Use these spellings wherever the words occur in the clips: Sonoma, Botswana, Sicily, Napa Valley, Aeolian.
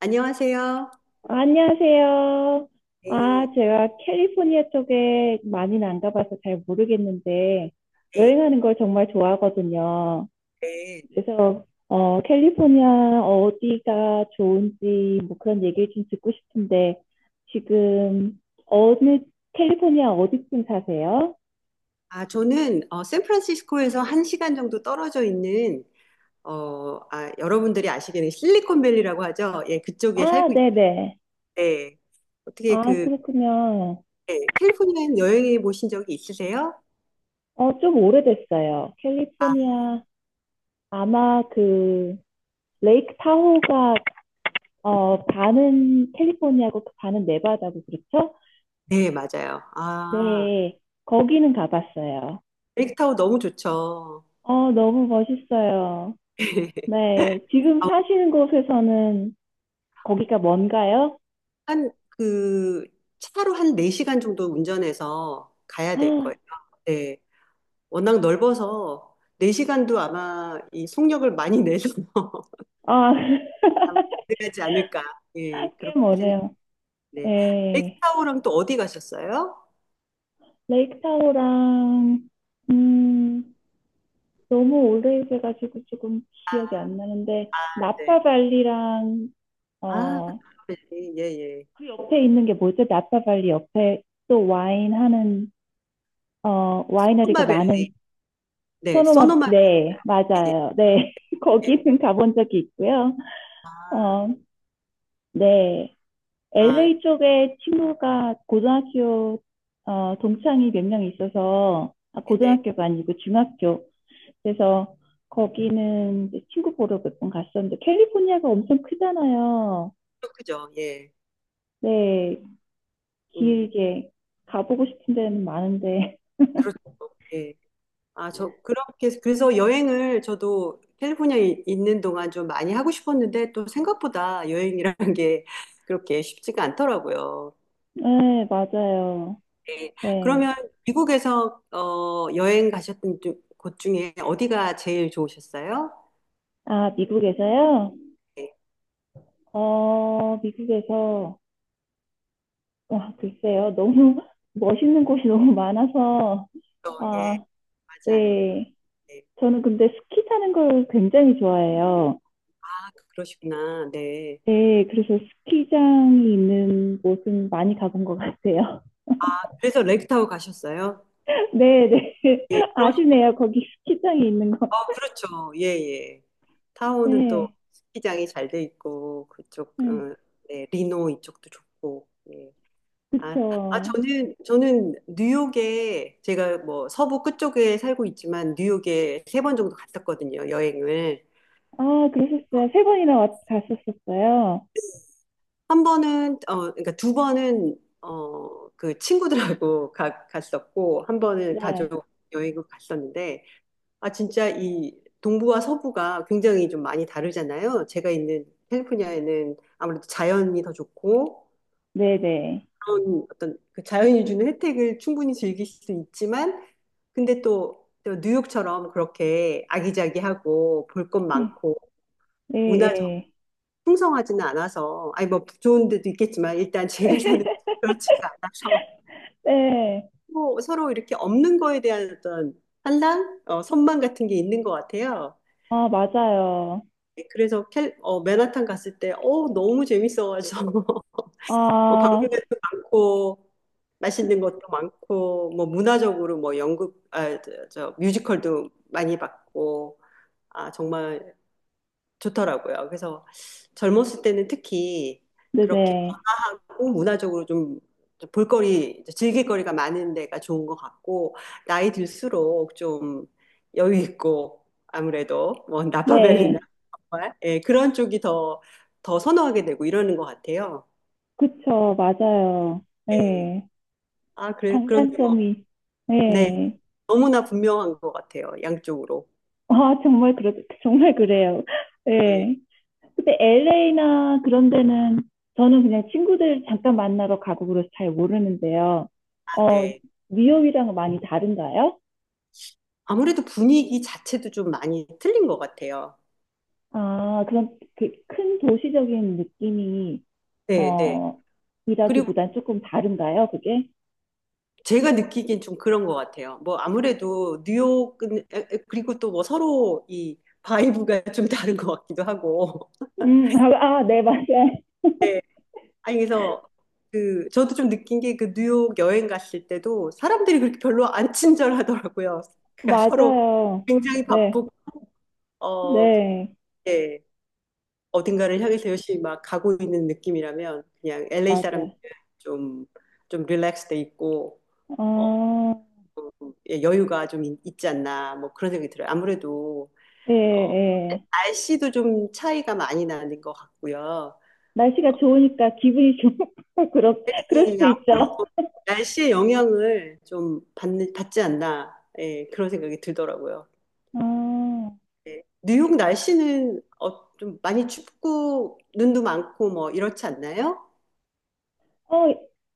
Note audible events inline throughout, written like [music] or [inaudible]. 안녕하세요. 안녕하세요. 네, 제가 캘리포니아 쪽에 많이는 안 가봐서 잘 모르겠는데, 네, 여행하는 걸 정말 좋아하거든요. 네. 그래서, 캘리포니아 어디가 좋은지, 뭐 그런 얘기를 좀 듣고 싶은데, 지금, 어느, 캘리포니아 어디쯤 사세요? 저는 샌프란시스코에서 한시간 정도 떨어져 있는 여러분들이 아시기는 실리콘밸리라고 하죠. 예, 그쪽에 아, 살고 네네. 있는데 어떻게 아, 그 그렇군요. 예, 캘리포니아 여행해 보신 적이 있으세요? 좀 오래됐어요. 캘리포니아, 아마 그, 레이크 타호가 반은 캘리포니아고 그 반은 네바다고 그렇죠? 네, 맞아요. 아, 네, 거기는 가봤어요. 렉타워 너무 좋죠. 너무 멋있어요. [laughs] 네, 지금 아, 사시는 곳에서는 거기가 먼가요? 한그 차로 한 네시간 정도 운전해서 가야 아, 될 거예요. 네. 워낙 넓어서 4시간도 아마 이 속력을 많이 내서 [laughs] 아, [laughs] 아마 가능하지 않을까. 예, 꽤 그렇게 생각하는데. 멀어요. 네, 엑스타워랑 또 어디 가셨어요? 레이크 타호랑 음, 너무 오래돼가지고 조금 기억이 안 나는데 네. 나파 발리랑 아, 노 어, 마벨이 예, 예. 그 옆에 있는 게 뭐죠? 나파 발리 옆에 또 와인 하는 와이너리가 소노마벨. 많은 네, 소노 소노마, 마 네, 벨 예, 맞아요. 네, [laughs] 예. 거기는 가본 적이 있고요. 아, 어, 네, 아, LA 쪽에 친구가 고등학교 동창이 몇 명 있어서 아, 네. 고등학교가 아니고 중학교. 그래서 거기는 이제 친구 보러 몇 번 갔었는데 캘리포니아가 엄청 크잖아요. 그렇죠. 예. 네, 음, 길게 가보고 싶은 데는 많은데. 그렇죠. 예. 그래서 여행을 저도 캘리포니아에 있는 동안 좀 많이 하고 싶었는데 또 생각보다 여행이라는 게 그렇게 쉽지가 않더라고요. [laughs] 네, 맞아요. 네. 네. 그러면 미국에서 여행 곳 중에 어디가 제일 좋으셨어요? 아, 미국에서요? 네. 미국에서, 와, 글쎄요. 너무 [laughs] 멋있는 곳이 너무 많아서, 예, 아, 맞아요. 네. 네. 저는 근데 스키 타는 걸 굉장히 좋아해요. 아, 그러시구나. 네. 네, 그래서 스키장이 있는 곳은 많이 가본 것 같아요. 그래서 렉타워 가셨어요? [laughs] 네, 네. 예, [laughs] 그러, 아시네요. 거기 스키장이 있는 거. 어, 그렇죠. 예, 예. 타오는 또 네, 스키장이 잘 돼 있고 네. 네, 리노 이쪽도 좋고. 예. 아, 아, 그쵸. 저는 뉴욕에 제가 뭐 서부 끝쪽에 살고 있지만 뉴욕에 세 번 정도 갔었거든요. 여행을. 아, 그러셨어요. 세 번이나 왔, 갔었었어요. 한 번은 그러니까 두 번은 그 친구들하고 [laughs] 갔었고 한 번은 네, 가족 여행을 갔었는데 아 진짜 이 동부와 서부가 굉장히 좀 많이 다르잖아요. 제가 있는 캘리포니아에는 아무래도 자연이 더 좋고 네, 네. 그런 어떤 그 자연이 주는 혜택을 충분히 즐길 수 있지만 근데 또 뉴욕처럼 그렇게 아기자기하고 볼 것 네, 많고 네, 문화적 네. 풍성하지는 않아서, 아니 뭐 좋은 데도 있겠지만 일단 제가 사는 곳은 [laughs] 그렇지가 않아서 네. 뭐 서로 이렇게 없는 거에 대한 어떤 선망 같은 게 있는 것 같아요. 아, 맞아요. 그래서 맨하탄 갔을 때, 어, 너무 재밌어가지고 [laughs] 뭐 아, 방문객도 많고 맛있는 것도 많고 뭐 문화적으로 뭐 저 뮤지컬도 많이 봤고 아 정말 좋더라고요. 그래서 젊었을 때는 특히 네네. 문화적으로 좀 볼거리, 즐길거리가 많은 데가 좋은 것 같고, 나이 들수록 좀 여유 있고, 아무래도, 뭐, 나파밸리나, 네. 정말, 예, 그런 쪽이 더, 더 선호하게 되고 이러는 것 같아요. 그쵸, 맞아요. 예. 네. 그런데 뭐, 장단점이, 네, 네. 너무나 분명한 것 같아요, 양쪽으로. 아, 정말, 그렇, 정말 그래요. 예, 네. 근데 LA나 그런 데는 저는 그냥 친구들 잠깐 만나러 가고 그래서 잘 모르는데요. 어, 네. 뉴욕이랑 많이 다른가요? 아무래도 분위기 자체도 좀 많이 틀린 것 같아요. 아, 그럼 그 큰 도시적인 느낌이, 네, 네. 어, 그리고 이라기보단 조금 다른가요, 그게? 제가 느끼기엔 좀 그런 것 같아요. 뭐 아무래도 뉴욕은 그리고 또 뭐 서로 이 바이브가 [laughs] 좀 다른 것 같기도 하고. [laughs] 아, 아, 네, 맞아요. [laughs] 네. 아니 그래서 그 저도 좀 느낀 게 그 뉴욕 여행 갔을 때도 사람들이 그렇게 별로 안 친절하더라고요. 그러니까 서로 맞아요. 굉장히 네, 바쁘고 어 네, 그게 어딘가를 향해서 열심히 막 가고 있는 느낌이라면 그냥 LA 사람들은 맞아요. 좀좀 릴렉스돼 있고 어, 어, 예, 여유가 있지 않나 뭐 그런 생각이 들어요. 아무래도 예, 어, 예. 날씨도 좀 차이가 많이 나는 것 같고요. 날씨가 좋으니까 기분이 좋고, [laughs] 그럴, 그럴 예, 수도 있죠. 아무래도 날씨의 영향을 좀 받지 않나, 예, 그런 생각이 들더라고요. 아, 예. 뉴욕 날씨는 어, 좀 많이 춥고 눈도 많고 뭐 이렇지 않나요? 어,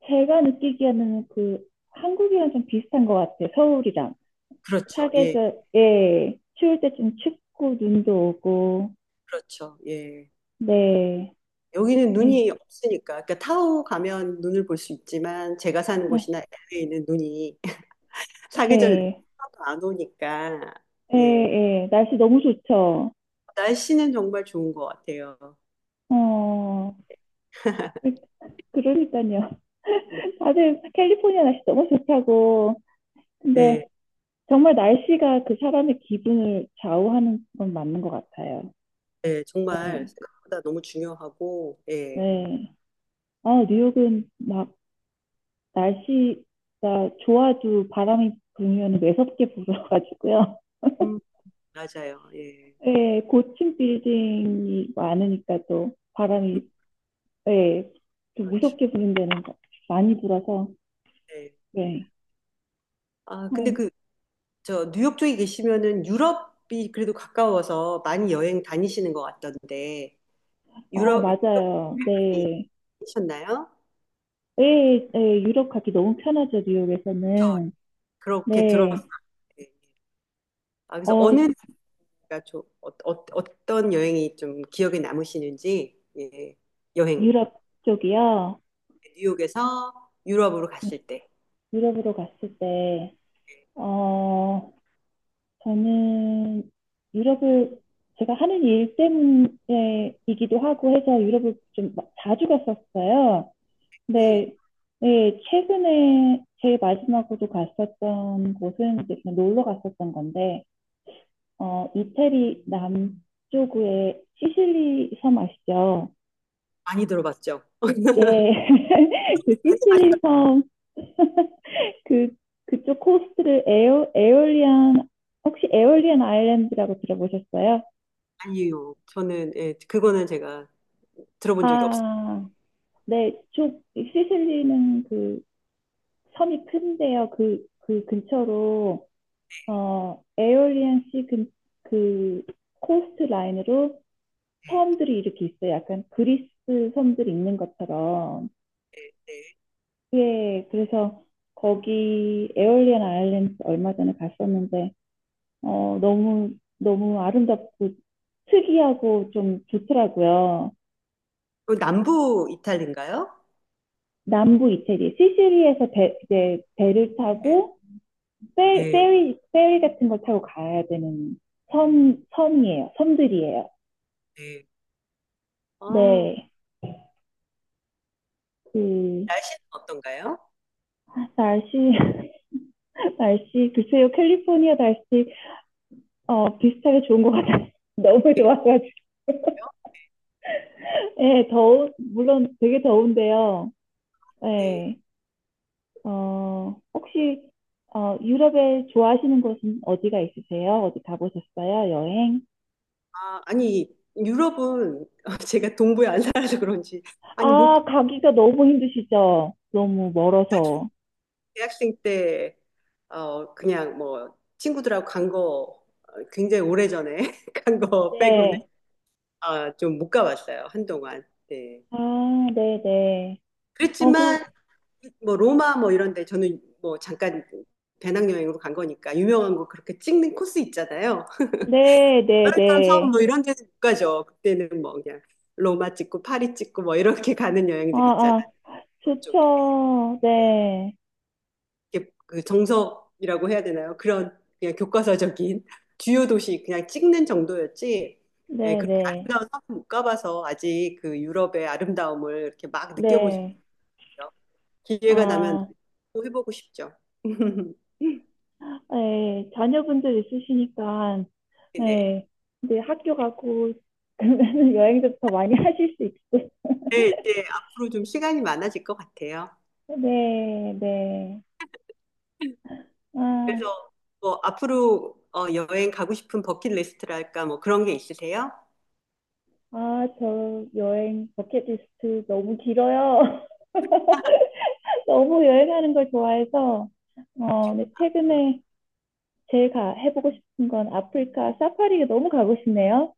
제가 느끼기에는 그, 한국이랑 좀 비슷한 것 같아요. 서울이랑. 그렇죠. 예, 사계절, 예, 추울 때 좀 춥고, 눈도 오고, 그렇죠. 예. 네, 여기는 네, 눈이 없으니까, 그러니까 타오 가면 눈을 볼 수 있지만 제가 사는 네, 곳이나 LA는 눈이 [laughs] 사계절 내내 네, 하나도 안 오니까, 예, 예. 예. 날씨 너무 좋죠. 날씨는 정말 좋은 것 같아요. 어, [laughs] 그, 그러니까요. 네, 아주 캘리포니아 날씨 너무 좋다고. 네, 근데 정말 날씨가 그 사람의 기분을 좌우하는 건 맞는 것 같아요. 네, 정말 네. 생각보다 너무 중요하고, 예, 네. 아, 뉴욕은 막 날씨가 좋아도 바람이 불면 매섭게 불어가지고요. 음, 맞아요, 예, [laughs] 네, 고층 빌딩이 많으니까 또 바람이, 네, 좀 그렇죠, 무섭게 부는 데는 많이 불어서, 예. 네. 아, 근데 어, 그, 뉴욕 쪽에 계시면은 유럽이 그래도 가까워서 많이 여행 다니시는 것 같던데, 아, 유럽, 맞아요. 네. 이셨나요? 네, 네, 유럽 가기 너무 편하죠, 뉴욕에서는. 그렇게 들었어요. 네, 아, 그래서 어느 어, 나라가 어떤 여행이 좀 기억에 남으시는지, 예, 여행, 유럽 쪽이요. 뉴욕에서 유럽으로 네, 갔을 때, 유럽으로 갔을 때, 어, 저는 유럽을 제가 하는 일 때문에이기도 하고 해서 유럽을 좀 마- 자주 갔었어요. 네, 근데 네, 최근에 제일 마지막으로 갔었던 곳은 이제 그냥 놀러 갔었던 건데, 이태리 남쪽의 시실리 섬 아시죠? 많이 들어봤죠. 네, [laughs] 그 [laughs] 시실리 섬 그, 그쪽 코스트를 에어, 에올리안, 혹시 에올리안 아일랜드라고 들어보셨어요? 아니요. 저는 예, 그거는 제가 들어본 적이 없어요. 아, 네, 쪽, 시실리는 그 섬이 큰데요. 그, 그 근처로, 어, 에올리안 씨 근, 그 코스트 라인으로 네, 섬들이 이렇게 있어요. 약간 그리스 섬들이 있는 것처럼. 네. 예, 그래서 거기 에올리안 아일랜드 얼마 전에 갔었는데, 어, 너무, 너무 아름답고 특이하고 좀 좋더라고요. 그 남부 이탈리인가요? 남부 이태리, 시시리에서 배, 이제 배를 네, 타고 페, 네, 페리, 페리 같은 걸 타고 가야 되는 선, 선이에요. 섬들이에요. 네. 아, 네. 그, 날씨는 어떤가요? 날씨, [laughs] 날씨, 글쎄요, 캘리포니아 날씨, 비슷하게 좋은 것 같아요. [laughs] 너무 네, 좋아가지고. 그래요? [laughs] 예, 더운, 물론 되게 더운데요. 네. 예, 혹시 유럽에 좋아하시는 곳은 어디가 있으세요? 어디 가보셨어요? 여행? 아, 아니 유럽은 [laughs] 제가 동부에 안 살아서 그런지 아니 뭐 아, 가기가 너무 힘드시죠? 너무 멀어서. 대학생 때 그냥 뭐 친구들하고 간거 굉장히 오래전에 [laughs] 간 거 빼고는 네. 아, 좀 못 가봤어요. 한동안. 네. 아, 네네. 어, 그, 그랬지만 뭐 로마 뭐 이런 데 저는 뭐 잠깐 배낭여행으로 간 거니까 유명한 거 그렇게 찍는 코스 있잖아요. 그러면 네네네. 섬뭐 이런 데는 못 가죠. 그때는 뭐 그냥 로마 찍고 파리 찍고 뭐 이렇게 가는 아, 여행들이 있잖아요. 아, 그쪽에. 좋죠. 네. 이게 그 정석이라고 해야 되나요? 그런 그냥 교과서적인 [laughs] 주요 도시 그냥 찍는 정도였지. 예, 그렇게 네네. 아름다운 섬은 못 가봐서 아직 그 유럽의 아름다움을 이렇게 막 느껴보시고요. 네. 네. 기회가 나면 아, 또 해보고 싶죠. [laughs] 네. 자녀분들 있으시니까, 네. 네. 이제 학교 가고, [laughs] 그러면 여행도 더 많이 [laughs] 하실 수 있고. 네, 이제 앞으로 좀 시간이 많아질 것 같아요. 네, 네. 그래서 아, 뭐 앞으로 여행 가고 싶은 버킷리스트랄까 뭐 그런 게 있으세요? 아, 저 여행 버킷리스트 너무 길어요. [laughs] 너무 여행하는 걸 좋아해서, 어, 지금- 네, 최근에 제 가, 해보고 싶은 건 아프리카 사파리가 너무 가고 싶네요.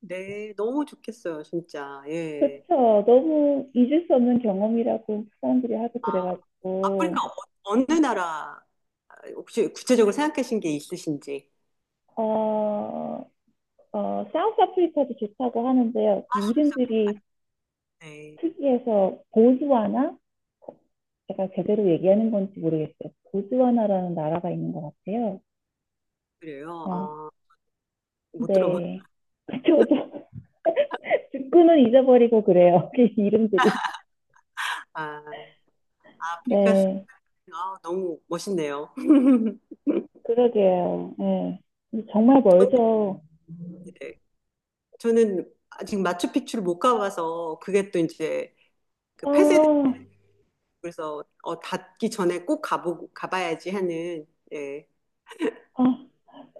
네, 너무 좋겠어요, 진짜. 예. 그렇죠. 너무 잊을 수 없는 경험이라고 사람들이 하고 그래가지고, 아프리카 어느 나라 혹시 구체적으로 생각하신 게 있으신지? 어, 사우스 아프리카도 좋다고 하는데요. 그 이름들이 네, 특이해서 보스와나 제가 제대로 얘기하는 건지 모르겠어요. 보즈와나라는 나라가 있는 것 같아요. 그래요. 어, 아, 못 들어본. 네. 저도 [laughs] 듣고는 잊어버리고 그래요. [laughs] 그 이름들이. 아, 아프리카 네. 아, 너무 멋있네요. [laughs] 그러게요. 네. 정말 저는 멀죠. 네. 저는 아직 마추픽추를 못 가봐서 그게 또 이제 그 폐쇄 아, 그래서 어, 닫기 전에 꼭 가보고 가봐야지 하는 예, 아,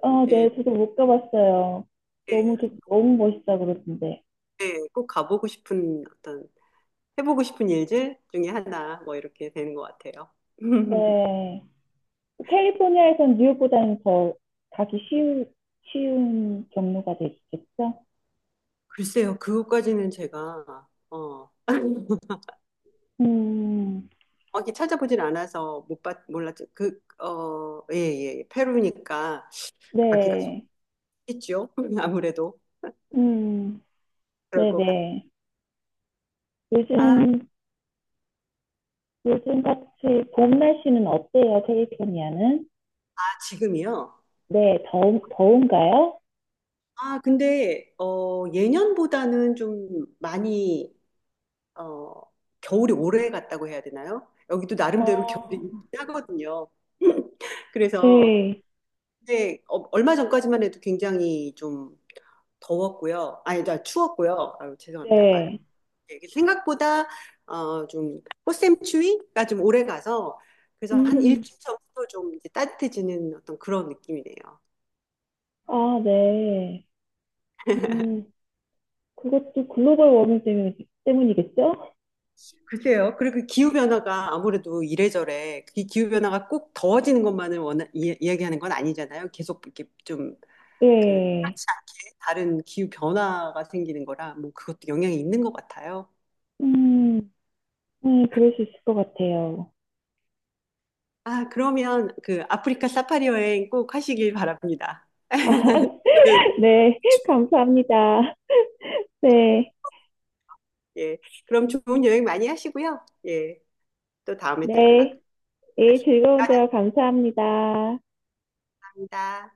아, 예, 네. 저도 못 가봤어요. 예, 너무, 좋- 너무 멋있다 그러던데. 예, 꼭 가보고 싶은 어떤 해보고 싶은 일들 중에 하나 뭐 이렇게 되는 것 같아요. [laughs] 네. 캘리포니아에선 뉴욕보다는 더 가기 쉬운, 쉬운 경로가 되겠죠? 글쎄요, 그것까지는 제가 어 [laughs] 음, 어디 찾아보진 않아서 못 봤, 몰랐죠. 예, 예, 예. 페루니까 가기가 네. 쉽겠죠. [laughs] 아무래도 음. 그럴 것 같아요. 네네. 아, 요즘, 요즘 같이 봄 날씨는 어때요, 캘리포니아는? 지금이요? 네, 더운, 더운가요? 예년보다는 좀 많이 어, 겨울이 오래 갔다고 해야 되나요? 여기도 어, 나름대로 겨울이 짜거든요. [laughs] 그래서 네, 근데 얼마 전까지만 해도 굉장히 좀 더웠고요. 아니, 나 추웠고요. 아유, 죄송합니다. 말- 네. 이게 생각보다 좀 꽃샘추위가 좀 오래 가서 그래서 한 음, 일주일 전부터 좀 이제 따뜻해지는 어떤 그런 느낌이네요. 아, 네. 음, 그것도 글로벌 워밍 때문, 때문이겠죠? 글쎄요. 그리고 기후 변화가 아무래도 이래저래 이 기후 변화가 꼭 더워지는 것만을 야기하는건 아니잖아요. 계속 이렇게 좀 그 네. 하지 않게 다른 기후 변화가 생기는 거라 뭐 그것도 영향이 있는 것 같아요. 음, 네, 그럴 수 있을 것 같아요. 아, 그러면 그 아프리카 사파리 여행 꼭 하시길 바랍니다. [laughs] 아, 저는, 네, 감사합니다. 네, 예, 그럼 좋은 여행 많이 하시고요. 예, 또 다음에 또 연락하시기 네. 예, 즐거운 대화 감사합니다. 바랍니다.